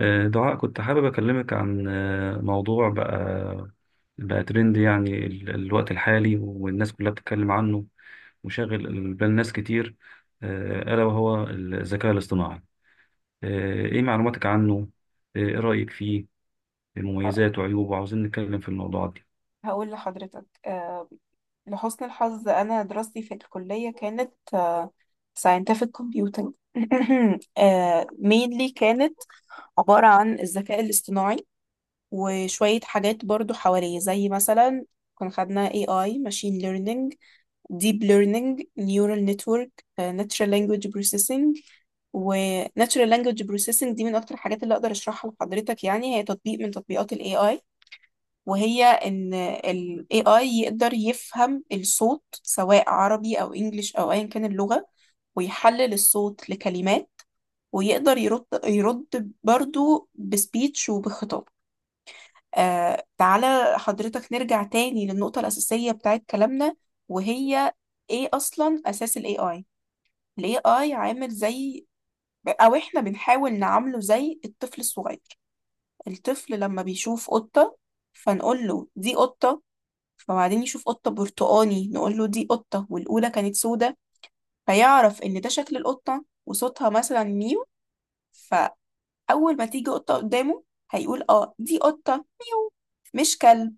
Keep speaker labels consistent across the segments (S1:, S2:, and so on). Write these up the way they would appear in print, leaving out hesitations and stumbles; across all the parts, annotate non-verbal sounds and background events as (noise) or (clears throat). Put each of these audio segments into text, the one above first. S1: دعاء، كنت حابب أكلمك عن موضوع بقى ترند يعني الوقت الحالي والناس كلها بتتكلم عنه، وشاغل بال ناس كتير. ألا وهو الذكاء الاصطناعي. إيه معلوماتك عنه؟ إيه رأيك فيه؟
S2: ه-
S1: مميزاته وعيوبه، وعاوزين نتكلم في الموضوعات دي.
S2: هقول لحضرتك، لحسن الحظ أنا دراستي في الكلية كانت scientific computing (clears throat) mainly كانت عبارة عن الذكاء الاصطناعي، وشوية حاجات برضو حواليه زي مثلا كنا خدنا AI، machine learning، deep learning، neural network، natural language processing. و natural language processing دي من أكتر الحاجات اللي أقدر أشرحها لحضرتك، يعني هي تطبيق من تطبيقات ال AI، وهي ان ال AI يقدر يفهم الصوت سواء عربي او انجليش او ايا كان اللغة، ويحلل الصوت لكلمات، ويقدر يرد برضو بسبيتش وبخطاب. تعالى حضرتك نرجع تاني للنقطة الأساسية بتاعت كلامنا، وهي ايه أصلا أساس ال AI. ال AI عامل زي، أو احنا بنحاول نعامله زي الطفل الصغير. الطفل لما بيشوف قطة، فنقول له دي قطة، فبعدين يشوف قطة برتقاني نقول له دي قطة والأولى كانت سودة، فيعرف إن ده شكل القطة وصوتها مثلا ميو. فأول ما تيجي قطة قدامه هيقول اه دي قطة ميو، مش كلب.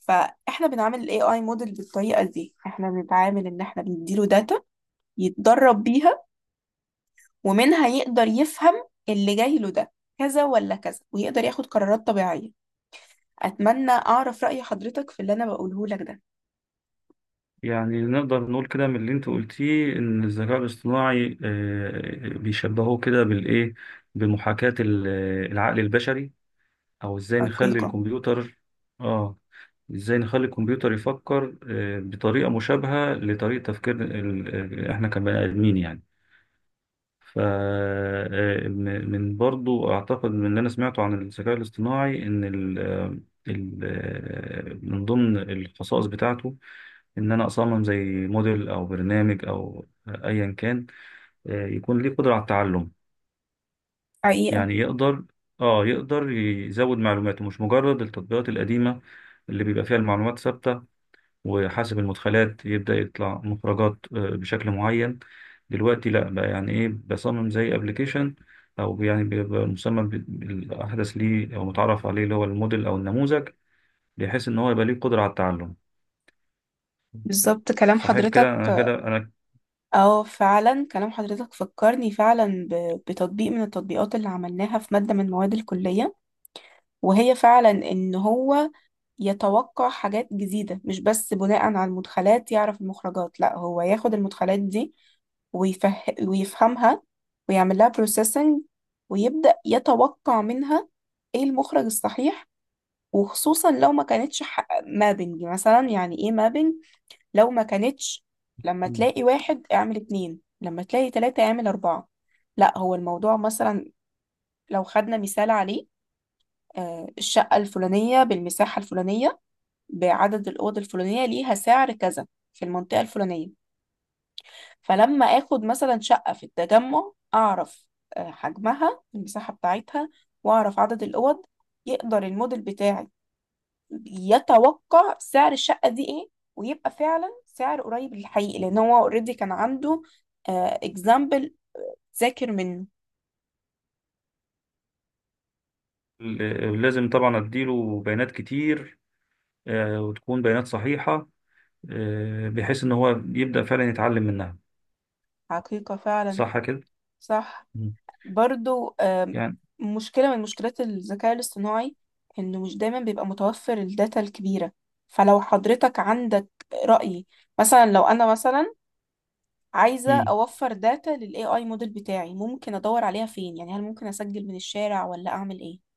S2: فاحنا بنعمل الاي اي موديل بالطريقه دي، احنا بنتعامل ان احنا بنديله داتا يتدرب بيها، ومنها يقدر يفهم اللي جاي له ده كذا ولا كذا، ويقدر ياخد قرارات طبيعيه. اتمنى اعرف راي حضرتك في اللي انا بقوله لك ده.
S1: يعني نقدر نقول كده من اللي أنت قلتيه إن الذكاء الاصطناعي بيشبهوه كده بالإيه؟ بمحاكاة العقل البشري، او ازاي نخلي
S2: حقيقه.
S1: الكمبيوتر. اه، ازاي نخلي الكمبيوتر يفكر بطريقة مشابهة لطريقة تفكير احنا كبني ادمين يعني. ف من برضو اعتقد من اللي انا سمعته عن الذكاء الاصطناعي ان من ضمن الخصائص بتاعته ان انا اصمم زي موديل او برنامج او ايا كان، يكون ليه قدرة على التعلم.
S2: حقيقه.
S1: يعني يقدر يزود معلوماته، مش مجرد التطبيقات القديمة اللي بيبقى فيها المعلومات ثابتة وحاسب المدخلات يبدأ يطلع مخرجات بشكل معين. دلوقتي لا بقى، يعني ايه بصمم زي ابلكيشن او يعني بيبقى مسمى بالاحدث ليه او متعرف عليه، اللي هو الموديل او النموذج، بحيث ان هو يبقى ليه قدرة على التعلم.
S2: بالظبط كلام
S1: صحيح كده انا،
S2: حضرتك.
S1: كده انا.
S2: اه فعلا كلام حضرتك فكرني فعلا بتطبيق من التطبيقات اللي عملناها في مادة من مواد الكلية، وهي فعلا ان هو يتوقع حاجات جديدة، مش بس بناء على المدخلات يعرف المخرجات، لا هو ياخد المدخلات دي ويفه... ويفهمها ويعمل لها بروسيسنج، ويبدأ يتوقع منها ايه المخرج الصحيح. وخصوصا لو ما كانتش مابنج. مثلا يعني ايه مابنج؟ لو ما كانتش لما
S1: مم.
S2: تلاقي واحد اعمل اتنين، لما تلاقي تلاتة اعمل أربعة. لا هو الموضوع مثلا، لو خدنا مثال عليه، الشقة الفلانية بالمساحة الفلانية بعدد الأوض الفلانية ليها سعر كذا في المنطقة الفلانية. فلما آخد مثلا شقة في التجمع أعرف حجمها المساحة بتاعتها، وأعرف عدد الأوض، يقدر الموديل بتاعي يتوقع سعر الشقة دي ايه، ويبقى فعلا سعر قريب للحقيقي لان هو اوريدي كان عنده اكزامبل ذاكر منه.
S1: لازم طبعا اديله بيانات كتير، وتكون بيانات صحيحة، بحيث ان هو يبدأ فعلا يتعلم منها.
S2: حقيقة فعلا.
S1: صح كده.
S2: صح.
S1: مم.
S2: برضو
S1: يعني.
S2: مشكلة من مشكلات الذكاء الاصطناعي انه مش دايما بيبقى متوفر الداتا الكبيرة. فلو حضرتك عندك رأي، مثلا لو انا مثلا عايزة
S1: مم.
S2: اوفر داتا لل AI موديل بتاعي، ممكن ادور عليها فين؟ يعني هل ممكن اسجل من الشارع ولا اعمل ايه؟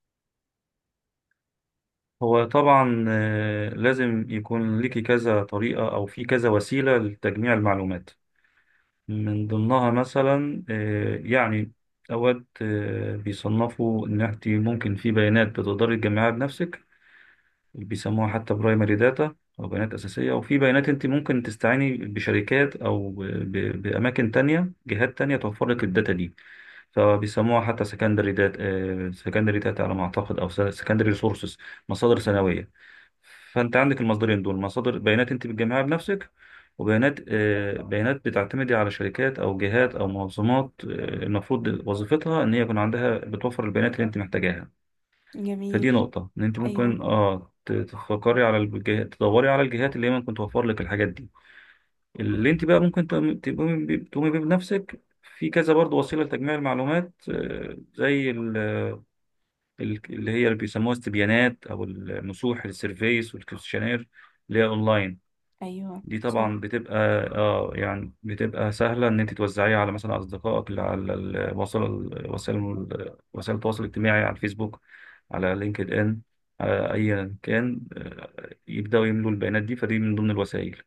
S1: هو طبعا لازم يكون ليكي كذا طريقة او في كذا وسيلة لتجميع المعلومات. من ضمنها مثلا يعني اوقات بيصنفوا ان انت ممكن في بيانات بتقدري تجمعها بنفسك، بيسموها حتى برايمري داتا او بيانات اساسيه. وفي بيانات انت ممكن تستعيني بشركات او باماكن تانية، جهات تانية توفر لك الداتا دي، فبيسموها حتى سكندري داتا، سكندري داتا، على ما اعتقد، او سكندري ريسورسز، مصادر ثانويه. فانت عندك المصدرين دول: مصادر بيانات انت بتجمعها بنفسك، وبيانات بيانات بتعتمدي على شركات او جهات او منظمات، المفروض وظيفتها ان هي يكون عندها، بتوفر البيانات اللي انت محتاجاها. فدي
S2: جميل.
S1: نقطه، ان انت
S2: ايوه.
S1: ممكن تفكري على الجهات، تدوري على الجهات اللي هي ممكن توفر لك الحاجات دي. اللي انت بقى ممكن تقومي بيه بنفسك، في كذا برضه وسيله لتجميع المعلومات، زي اللي هي اللي بيسموها استبيانات، او النصوح، السيرفيس والكويشنير، اللي هي اونلاين.
S2: ايوه
S1: دي طبعا
S2: صح.
S1: بتبقى، اه يعني بتبقى سهله ان انت توزعيها على مثلا اصدقائك اللي على الوسائل، وسائل وسائل التواصل الاجتماعي، على الفيسبوك، على لينكد ان، على ايا كان، يبداوا يملوا البيانات دي. فدي من ضمن الوسائل.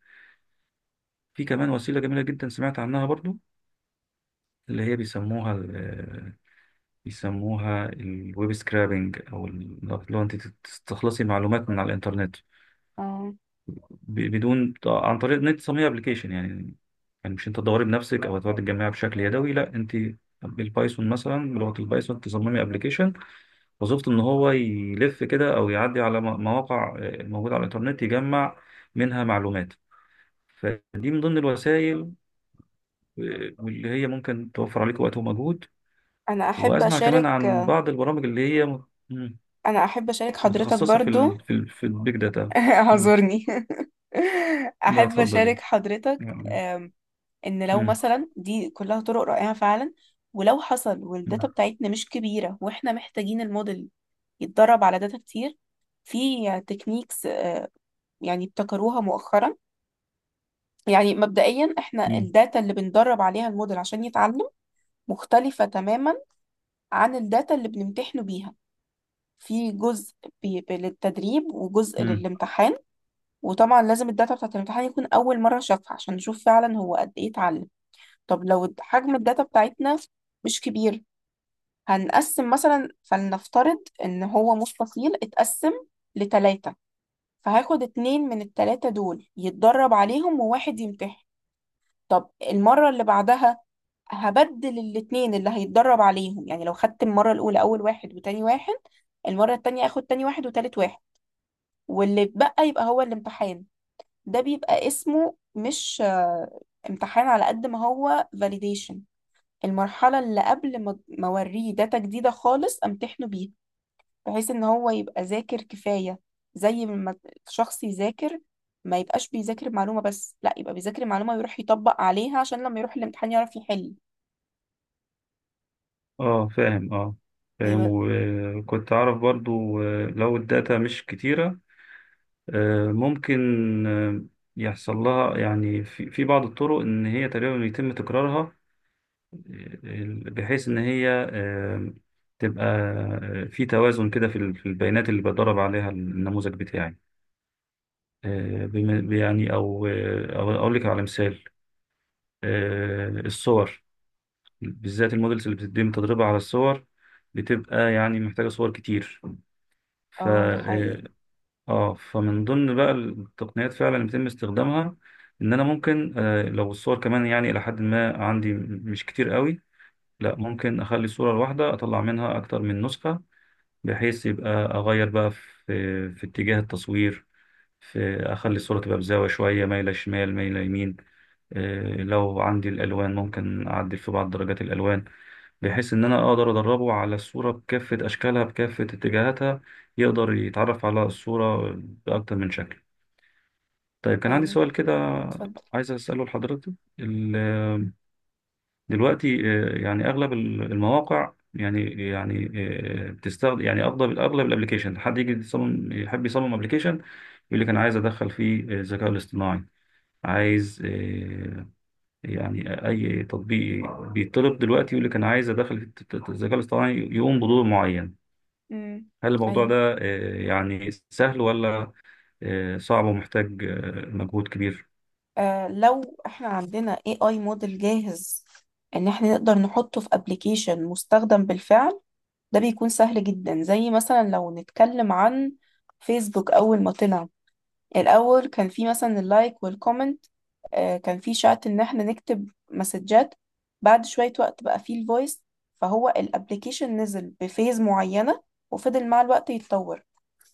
S1: في كمان وسيله جميله جدا سمعت عنها برضو، اللي هي بيسموها الويب سكرابنج، لو انت تستخلصي معلومات من على الانترنت،
S2: اه،
S1: ب- بدون عن طريق ان انت تصممي ابلكيشن. يعني يعني مش انت تدوري بنفسك او تقعدي تجمعي بشكل يدوي، لا، انت بالبايثون مثلا، بلغه البايثون، تصممي ابلكيشن وظيفته ان هو يلف كده، او يعدي على مواقع موجوده على الانترنت، يجمع منها معلومات. فدي من ضمن الوسائل، واللي هي ممكن توفر عليك وقت ومجهود.
S2: انا احب
S1: وأسمع كمان
S2: اشارك
S1: عن بعض البرامج اللي هي مت- مم.
S2: انا احب اشارك حضرتك
S1: متخصصة
S2: برضو.
S1: في البيج داتا.
S2: (laughs)
S1: مم.
S2: اعذرني. (laughs)
S1: لا
S2: احب
S1: اتفضلي.
S2: اشارك حضرتك
S1: يعني.
S2: ان لو
S1: مم.
S2: مثلا دي كلها طرق رائعة فعلا، ولو حصل والداتا
S1: مم.
S2: بتاعتنا مش كبيرة واحنا محتاجين الموديل يتدرب على داتا كتير، في تكنيكس يعني ابتكروها مؤخرا. يعني مبدئيا احنا
S1: مم.
S2: الداتا اللي بندرب عليها الموديل عشان يتعلم مختلفة تماما عن الداتا اللي بنمتحنه بيها. في جزء للتدريب وجزء
S1: مم.
S2: للامتحان. وطبعا لازم الداتا بتاعت الامتحان يكون أول مرة شافها عشان نشوف فعلا هو قد إيه اتعلم. طب لو حجم الداتا بتاعتنا مش كبير، هنقسم مثلا، فلنفترض إن هو مستطيل اتقسم لتلاتة، فهاخد اتنين من التلاتة دول يتدرب عليهم وواحد يمتحن. طب المرة اللي بعدها هبدل الاتنين اللي هيتدرب عليهم، يعني لو خدت المرة الأولى أول واحد وتاني واحد، المرة التانية هاخد تاني واحد وتالت واحد، واللي اتبقى يبقى هو الامتحان. ده بيبقى اسمه مش امتحان على قد ما هو validation. المرحلة اللي قبل ما اوريه داتا جديدة خالص امتحنه بيها، بحيث ان هو يبقى ذاكر كفاية. زي ما الشخص يذاكر، ما يبقاش بيذاكر معلومة بس، لا يبقى بيذاكر معلومة ويروح يطبق عليها عشان لما يروح الامتحان يعرف يحل.
S1: اه فاهم، اه فاهم.
S2: ايوه.
S1: وكنت أعرف برضو لو الداتا مش كتيرة، ممكن آه، يحصل لها، يعني في بعض الطرق، إن هي تقريبا يتم تكرارها، بحيث إن هي تبقى في توازن كده في في البيانات اللي بدرب عليها النموذج بتاعي. يعني، او اقول لك على مثال: الصور، بالذات المودلز اللي بتتم تدريبها على الصور، بتبقى يعني محتاجة صور كتير. ف
S2: اه ده حقيقي.
S1: اه آه، فمن ضمن بقى التقنيات فعلا اللي بيتم استخدامها، ان انا ممكن لو الصور كمان يعني الى حد ما عندي مش كتير قوي، لا، ممكن اخلي الصورة الواحدة اطلع منها اكتر من نسخة، بحيث يبقى اغير بقى في اتجاه التصوير، في اخلي الصورة تبقى بزاوية شوية، مايلة شمال، مايلة يمين. إيه، لو عندي الألوان ممكن أعدل في بعض درجات الألوان، بحيث إن أنا أقدر أدربه على الصورة بكافة أشكالها، بكافة اتجاهاتها، يقدر يتعرف على الصورة بأكتر من شكل. طيب، كان عندي
S2: ايوه.
S1: سؤال كده
S2: اتفضل.
S1: عايز أسأله لحضرتك. ال- دلوقتي يعني أغلب المواقع، يعني، يعني بتستخدم، يعني اغلب الابلكيشن، حد يجي يصمم، يحب يصمم ابلكيشن، يقول لك انا عايز ادخل فيه الذكاء الاصطناعي. عايز يعني أي تطبيق بيطلب دلوقتي يقول لك أنا عايز أدخل في الذكاء الاصطناعي يقوم بدور معين.
S2: امم.
S1: هل الموضوع
S2: ايوه.
S1: ده يعني سهل، ولا صعب ومحتاج مجهود كبير؟
S2: آه لو احنا عندنا AI موديل جاهز ان احنا نقدر نحطه في ابلكيشن مستخدم بالفعل، ده بيكون سهل جدا. زي مثلا لو نتكلم عن فيسبوك، اول ما طلع الأول كان في مثلا اللايك والكومنت، كان في شات إن احنا نكتب مسجات. بعد شوية وقت بقى في الفويس. فهو الابليكيشن نزل بفيز معينة وفضل مع الوقت يتطور.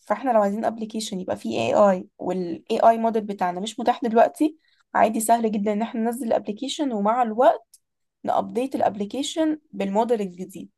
S2: فاحنا لو عايزين ابليكيشن يبقى فيه اي اي والاي اي موديل بتاعنا مش متاح دلوقتي، عادي سهل جدا ان احنا ننزل الابليكيشن ومع الوقت نابديت الابليكيشن بالموديل الجديد.